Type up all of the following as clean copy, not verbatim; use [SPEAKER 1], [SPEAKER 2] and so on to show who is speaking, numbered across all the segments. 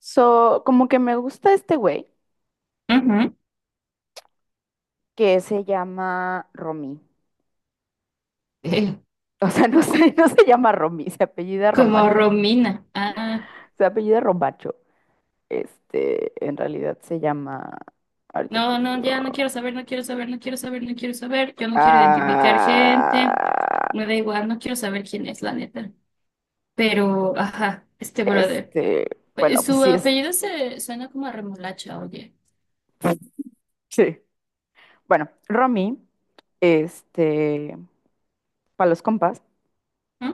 [SPEAKER 1] So, como que me gusta este güey
[SPEAKER 2] Ujú.
[SPEAKER 1] que se llama Romy.
[SPEAKER 2] Eh,
[SPEAKER 1] O sea, no sé, no se llama Romy, se apellida
[SPEAKER 2] Como
[SPEAKER 1] Romacho.
[SPEAKER 2] Romina.
[SPEAKER 1] Se apellida Romacho. En realidad se llama. Ahorita te
[SPEAKER 2] No, no,
[SPEAKER 1] digo.
[SPEAKER 2] ya no quiero saber, no quiero saber, no quiero saber, no quiero saber. Yo no quiero identificar gente.
[SPEAKER 1] Ah,
[SPEAKER 2] Me da igual, no quiero saber quién es, la neta. Pero, ajá, este brother.
[SPEAKER 1] este, bueno,
[SPEAKER 2] Pues,
[SPEAKER 1] pues
[SPEAKER 2] su
[SPEAKER 1] sí es.
[SPEAKER 2] apellido se suena como a remolacha, oye.
[SPEAKER 1] Sí. Bueno, Romy, este, para los compas,
[SPEAKER 2] ¿Mm?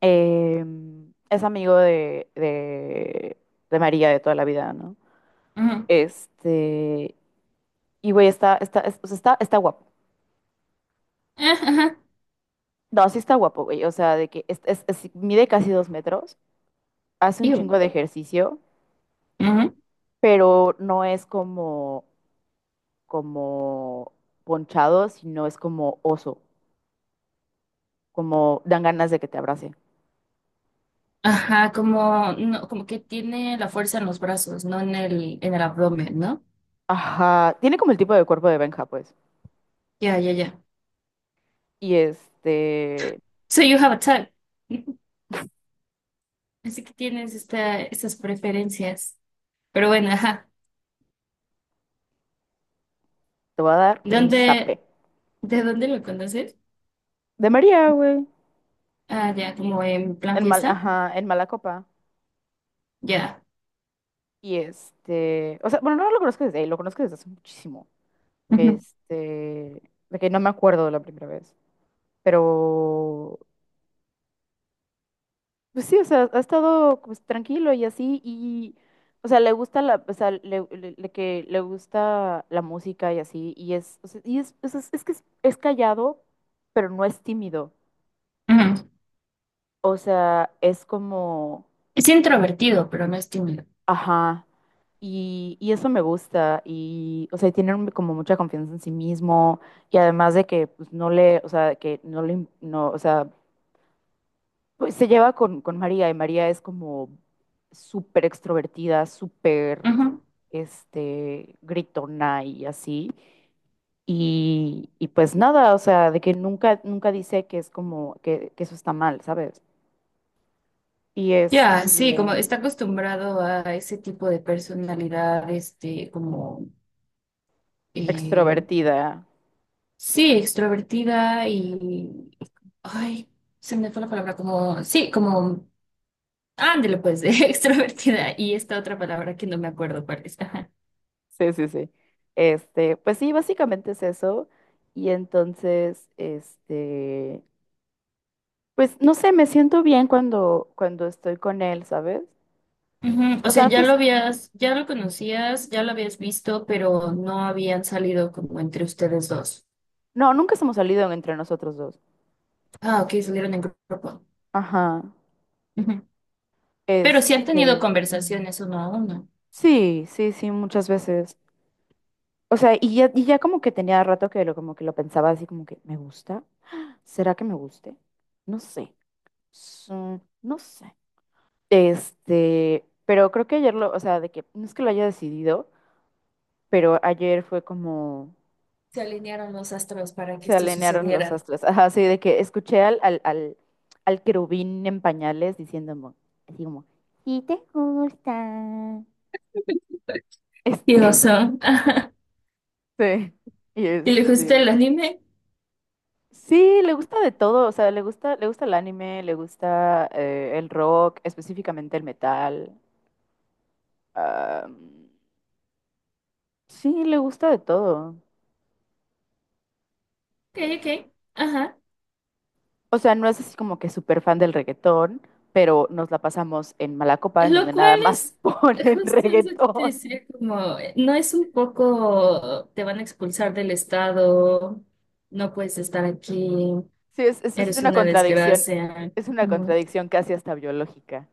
[SPEAKER 1] es amigo de María de toda la vida, ¿no?
[SPEAKER 2] Ujú.
[SPEAKER 1] Este, Y güey, está, está, es- o sea, está, está guapo.
[SPEAKER 2] Ah, ajá,
[SPEAKER 1] No, sí está guapo, güey. O sea, de que mide casi 2 metros, hace un chingo
[SPEAKER 2] digo.
[SPEAKER 1] de ejercicio,
[SPEAKER 2] Ujú.
[SPEAKER 1] pero no es como ponchado, sino es como oso, como dan ganas de que te abrace.
[SPEAKER 2] Ajá, como, no, como que tiene la fuerza en los brazos, no en en el abdomen, ¿no?
[SPEAKER 1] Ajá, tiene como el tipo de cuerpo de Benja, pues.
[SPEAKER 2] Ya, ya, ya.
[SPEAKER 1] Y
[SPEAKER 2] So you have a type. Así que tienes estas preferencias. Pero bueno, ajá.
[SPEAKER 1] te va a dar un
[SPEAKER 2] ¿Dónde,
[SPEAKER 1] zape.
[SPEAKER 2] ¿de dónde lo conoces?
[SPEAKER 1] De María, güey.
[SPEAKER 2] Ah, ya, como en plan
[SPEAKER 1] En mal,
[SPEAKER 2] fiesta.
[SPEAKER 1] ajá, en mala copa.
[SPEAKER 2] Ya.
[SPEAKER 1] Y o sea, bueno, no lo conozco desde ahí, lo conozco desde hace muchísimo.
[SPEAKER 2] Ujú,
[SPEAKER 1] Este, de que no me acuerdo de la primera vez. Pero, pues sí, o sea, ha estado pues, tranquilo y así. Y, o sea, le gusta la, o sea, le que le gusta la música y así. Es callado, pero no es tímido.
[SPEAKER 2] ujú.
[SPEAKER 1] O sea, es como,
[SPEAKER 2] Es introvertido, pero no es tímido.
[SPEAKER 1] ajá. Y eso me gusta. Y, o sea, tienen como mucha confianza en sí mismo. Y además de que, pues, no le, o sea, que no le, im- no, o sea, pues se lleva con María y María es como súper extrovertida, súper
[SPEAKER 2] Ujú.
[SPEAKER 1] gritona y así. Y pues nada, o sea, de que nunca, nunca dice que es como que eso está mal, ¿sabes? Y
[SPEAKER 2] Ya, sí, como está acostumbrado a ese tipo de personalidad, este, como, eh,
[SPEAKER 1] extrovertida,
[SPEAKER 2] sí, extrovertida y, ay, se me fue la palabra, como, sí, como, ándale pues, extrovertida y esta otra palabra que no me acuerdo cuál es.
[SPEAKER 1] sí, sí, sí. Pues sí, básicamente es eso. Y entonces, pues no sé, me siento bien cuando, cuando estoy con él, ¿sabes?
[SPEAKER 2] Ujú, o
[SPEAKER 1] O
[SPEAKER 2] sea,
[SPEAKER 1] sea,
[SPEAKER 2] ya lo
[SPEAKER 1] antes.
[SPEAKER 2] habías, ya lo conocías, ya lo habías visto, pero no habían salido como entre ustedes dos.
[SPEAKER 1] No, nunca hemos salido entre nosotros dos.
[SPEAKER 2] Ah, ok, salieron en grupo.
[SPEAKER 1] Ajá.
[SPEAKER 2] Ujú. Pero sí han tenido
[SPEAKER 1] Este,
[SPEAKER 2] conversaciones uno a uno.
[SPEAKER 1] sí, sí, sí, muchas veces. O sea, y ya como que tenía rato que lo, como que lo pensaba así como que, ¿me gusta? ¿Será que me guste? No sé. Sí, no sé. Pero creo que ayer lo, o sea, de que, no es que lo haya decidido, pero ayer fue como,
[SPEAKER 2] Se alinearon los astros para que
[SPEAKER 1] se
[SPEAKER 2] esto
[SPEAKER 1] alinearon los
[SPEAKER 2] sucediera.
[SPEAKER 1] astros. Ajá, sí, de que escuché al querubín en pañales diciéndome, así como, si te gusta.
[SPEAKER 2] Qué
[SPEAKER 1] Este,
[SPEAKER 2] oso. Ah,
[SPEAKER 1] sí, y
[SPEAKER 2] ¿y le gusta el anime?
[SPEAKER 1] sí, le gusta de todo, o sea, le gusta el anime, le gusta el rock, específicamente el metal, ah, sí, le gusta de todo.
[SPEAKER 2] Ok, ok. Ajá.
[SPEAKER 1] O sea, no es así como que súper fan del reggaetón, pero nos la pasamos en Malacopa, en
[SPEAKER 2] Lo
[SPEAKER 1] donde
[SPEAKER 2] cual
[SPEAKER 1] nada más
[SPEAKER 2] es
[SPEAKER 1] ponen
[SPEAKER 2] justo lo que te
[SPEAKER 1] reggaetón.
[SPEAKER 2] decía, como, no es un poco, te van a expulsar del estado, no puedes estar aquí.
[SPEAKER 1] Sí, es
[SPEAKER 2] Eres
[SPEAKER 1] una
[SPEAKER 2] una
[SPEAKER 1] contradicción,
[SPEAKER 2] desgracia.
[SPEAKER 1] es una
[SPEAKER 2] Ujú.
[SPEAKER 1] contradicción casi hasta biológica.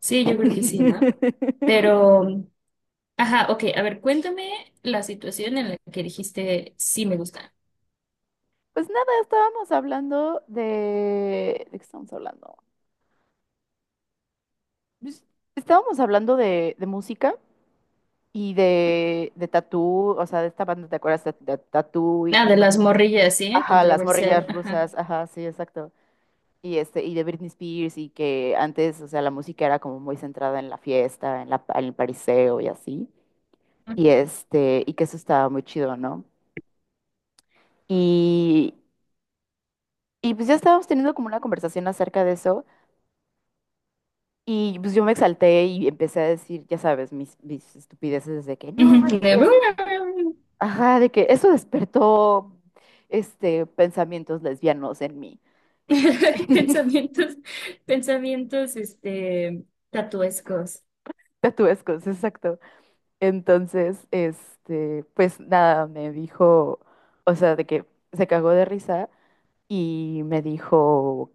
[SPEAKER 2] Sí, yo creo que sí, ¿no? Pero, ajá, ok, a ver, cuéntame la situación en la que dijiste sí me gusta.
[SPEAKER 1] Pues nada, estábamos hablando de. ¿De qué estábamos hablando? Pues, estábamos hablando de música y de Tatú, o sea, de esta banda, ¿te acuerdas? De Tatú y
[SPEAKER 2] Ah, de las morrillas, ¿sí?
[SPEAKER 1] Ajá, las
[SPEAKER 2] Controversial,
[SPEAKER 1] morrillas
[SPEAKER 2] ajá.
[SPEAKER 1] rusas, ajá, sí, exacto. Y, y de Britney Spears y que antes, o sea, la música era como muy centrada en la fiesta, en el pariseo y así. Y, y que eso estaba muy chido, ¿no? Y, y pues ya estábamos teniendo como una conversación acerca de eso. Y pues yo me exalté y empecé a decir, ya sabes, mis estupideces de que no,
[SPEAKER 2] Ujú.
[SPEAKER 1] y es- ajá, de que eso despertó este pensamientos lesbianos en mí.
[SPEAKER 2] Pensamientos, pensamientos, este, tatuescos.
[SPEAKER 1] Tatuescos, exacto. Entonces, pues nada, me dijo, o sea, de que se cagó de risa y me dijo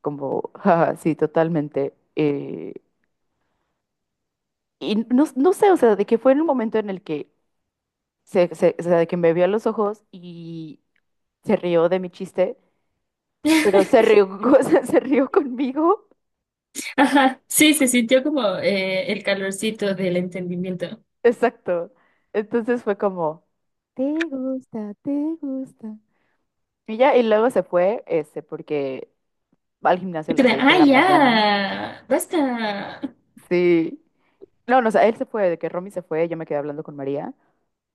[SPEAKER 1] como, "Ja, sí, totalmente. Y no, no sé, o sea, de que fue en un momento en el que o sea, de que me vio a los ojos y se rió de mi chiste, pero se rió, o sea, se rió conmigo.
[SPEAKER 2] Ajá, sí, se sintió como el calorcito del entendimiento.
[SPEAKER 1] Exacto. Entonces fue como, te gusta, te gusta. Y ya, y luego se fue, porque va al gimnasio
[SPEAKER 2] Y
[SPEAKER 1] a
[SPEAKER 2] tú
[SPEAKER 1] las
[SPEAKER 2] de,
[SPEAKER 1] 6 de
[SPEAKER 2] ah,
[SPEAKER 1] la mañana.
[SPEAKER 2] ya, basta.
[SPEAKER 1] Sí. No, no, o sea, él se fue, de que Romy se fue, yo me quedé hablando con María.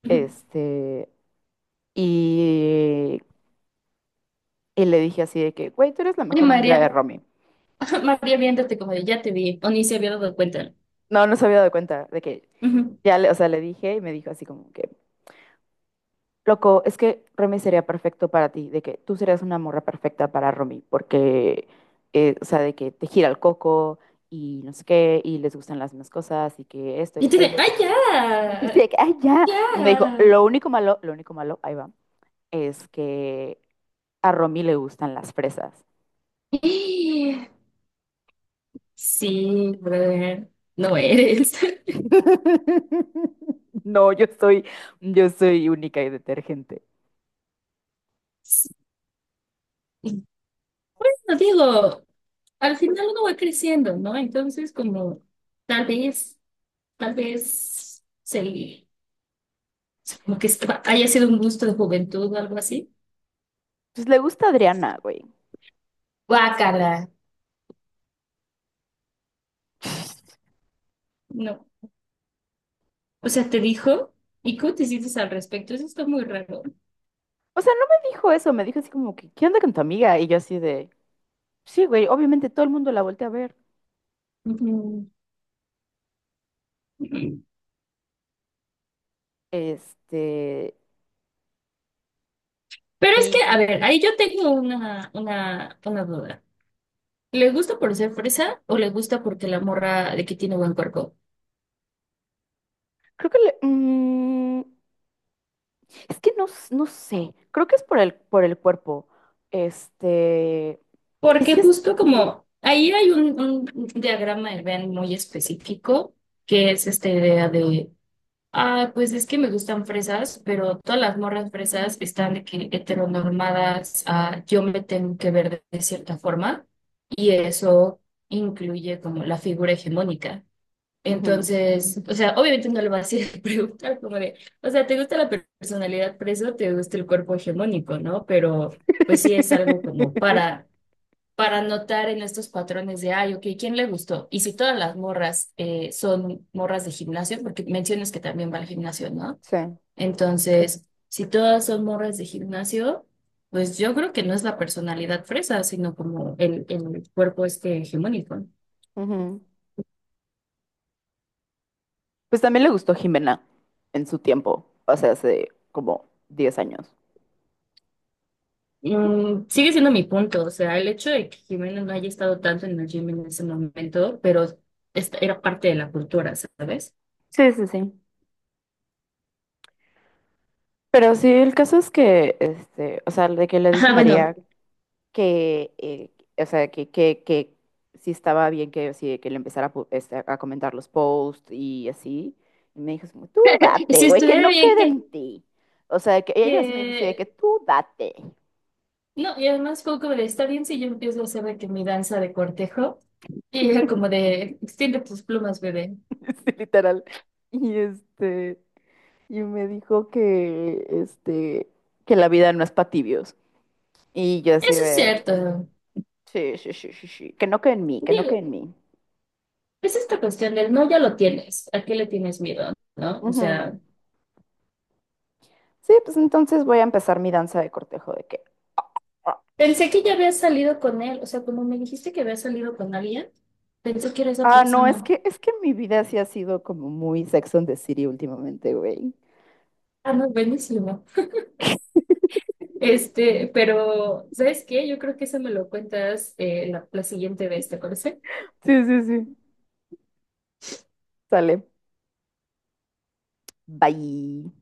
[SPEAKER 1] Este, y, y le dije así de que, güey, tú eres la
[SPEAKER 2] Ay,
[SPEAKER 1] mejor amiga de
[SPEAKER 2] María.
[SPEAKER 1] Romy.
[SPEAKER 2] María viéndote como de ya te vi, o ni se había dado cuenta.
[SPEAKER 1] No, no se había dado cuenta de que
[SPEAKER 2] Ujú.
[SPEAKER 1] ya, le, o sea, le dije y me dijo así como que, loco, es que Romy sería perfecto para ti, de que tú serías una morra perfecta para Romy, porque, o sea, de que te gira el coco y no sé qué, y les gustan las mismas cosas y que esto y
[SPEAKER 2] Y te de,
[SPEAKER 1] aquello.
[SPEAKER 2] ¡ay,
[SPEAKER 1] Y yo así
[SPEAKER 2] ya!
[SPEAKER 1] de que, ay, ya. Y me dijo,
[SPEAKER 2] ¡Ya!
[SPEAKER 1] lo único malo, ahí va, es que a Romy le gustan las fresas.
[SPEAKER 2] Sí, brother, no eres.
[SPEAKER 1] No, yo soy única y detergente.
[SPEAKER 2] Sí. Bueno, digo, al final uno va creciendo, ¿no? Entonces, como tal vez, tal vez se, como que haya sido un gusto de juventud o algo así.
[SPEAKER 1] Pues le gusta Adriana, güey.
[SPEAKER 2] Guácala. No. O sea, te dijo, ¿y cómo te sientes al respecto? Eso está muy raro.
[SPEAKER 1] O sea, no me dijo eso, me dijo así como que, ¿qué onda con tu amiga? Y yo así de, sí, güey, obviamente todo el mundo la voltea a ver.
[SPEAKER 2] Ujú.
[SPEAKER 1] Este,
[SPEAKER 2] Pero es que, a
[SPEAKER 1] y
[SPEAKER 2] ver, ahí yo tengo una duda. ¿Le gusta por ser fresa o le gusta porque la morra de que tiene buen cuerpo?
[SPEAKER 1] creo que es que no, no sé, creo que es por por el cuerpo. Este, y
[SPEAKER 2] Porque
[SPEAKER 1] sí es.
[SPEAKER 2] justo como ahí hay un diagrama del Venn muy específico, que es esta idea de, ah, pues es que me gustan fresas, pero todas las morras fresas están de que heteronormadas, ah, yo me tengo que ver de cierta forma, y eso incluye como la figura hegemónica.
[SPEAKER 1] Ujú.
[SPEAKER 2] Entonces, o sea, obviamente no le vas a ir a preguntar como de, o sea, ¿te gusta la personalidad preso? ¿Te gusta el cuerpo hegemónico, no? Pero pues sí es algo como para notar en estos patrones de, ay, ok, ¿quién le gustó? Y si todas las morras son morras de gimnasio, porque mencionas que también va al gimnasio, ¿no?
[SPEAKER 1] Sí.
[SPEAKER 2] Entonces, si todas son morras de gimnasio, pues yo creo que no es la personalidad fresa, sino como el cuerpo este hegemónico.
[SPEAKER 1] Ujú. Pues también le gustó Jimena en su tiempo, o sea, hace como 10 años.
[SPEAKER 2] Mm, sigue siendo mi punto, o sea, el hecho de que Jimena no haya estado tanto en el gym en ese momento, pero esta era parte de la cultura, ¿sabes?
[SPEAKER 1] Sí, sí, sí. Pero sí, el caso es que, o sea, de que le dije
[SPEAKER 2] Ah, bueno,
[SPEAKER 1] María, que, o sea, que sí estaba bien que, sí, que le empezara a, a comentar los posts y así. Y me dijo, así como, tú
[SPEAKER 2] si
[SPEAKER 1] date, güey, que
[SPEAKER 2] estuviera
[SPEAKER 1] no
[SPEAKER 2] bien
[SPEAKER 1] quede en ti. O sea, que ella sí me dijo, sí, de que
[SPEAKER 2] que...
[SPEAKER 1] tú date,
[SPEAKER 2] No, y además fue como de, está bien si yo empiezo a hacer de que mi danza de cortejo, y era como de, extiende tus plumas, bebé.
[SPEAKER 1] sí, literal. Y este, y me dijo que, que la vida no es para tibios. Y yo así
[SPEAKER 2] Eso es
[SPEAKER 1] de,
[SPEAKER 2] cierto.
[SPEAKER 1] sí, sí, sí, sí, sí, que no quede en mí, que no quede en
[SPEAKER 2] Digo,
[SPEAKER 1] mí.
[SPEAKER 2] es esta cuestión del no, ya lo tienes, ¿a qué le tienes miedo? ¿No? O
[SPEAKER 1] Ujú.
[SPEAKER 2] sea...
[SPEAKER 1] Sí, pues entonces voy a empezar mi danza de cortejo de que.
[SPEAKER 2] Pensé que ya había salido con él, o sea, como me dijiste que había salido con alguien, pensé que era esa
[SPEAKER 1] Ah, no,
[SPEAKER 2] persona.
[SPEAKER 1] es que mi vida sí ha sido como muy Sex and the City últimamente, güey.
[SPEAKER 2] Ah, no, buenísimo. Este, pero, ¿sabes qué? Yo creo que eso me lo cuentas la, la siguiente vez, ¿te acuerdas?
[SPEAKER 1] Sí, sí, sí. Sale, bye.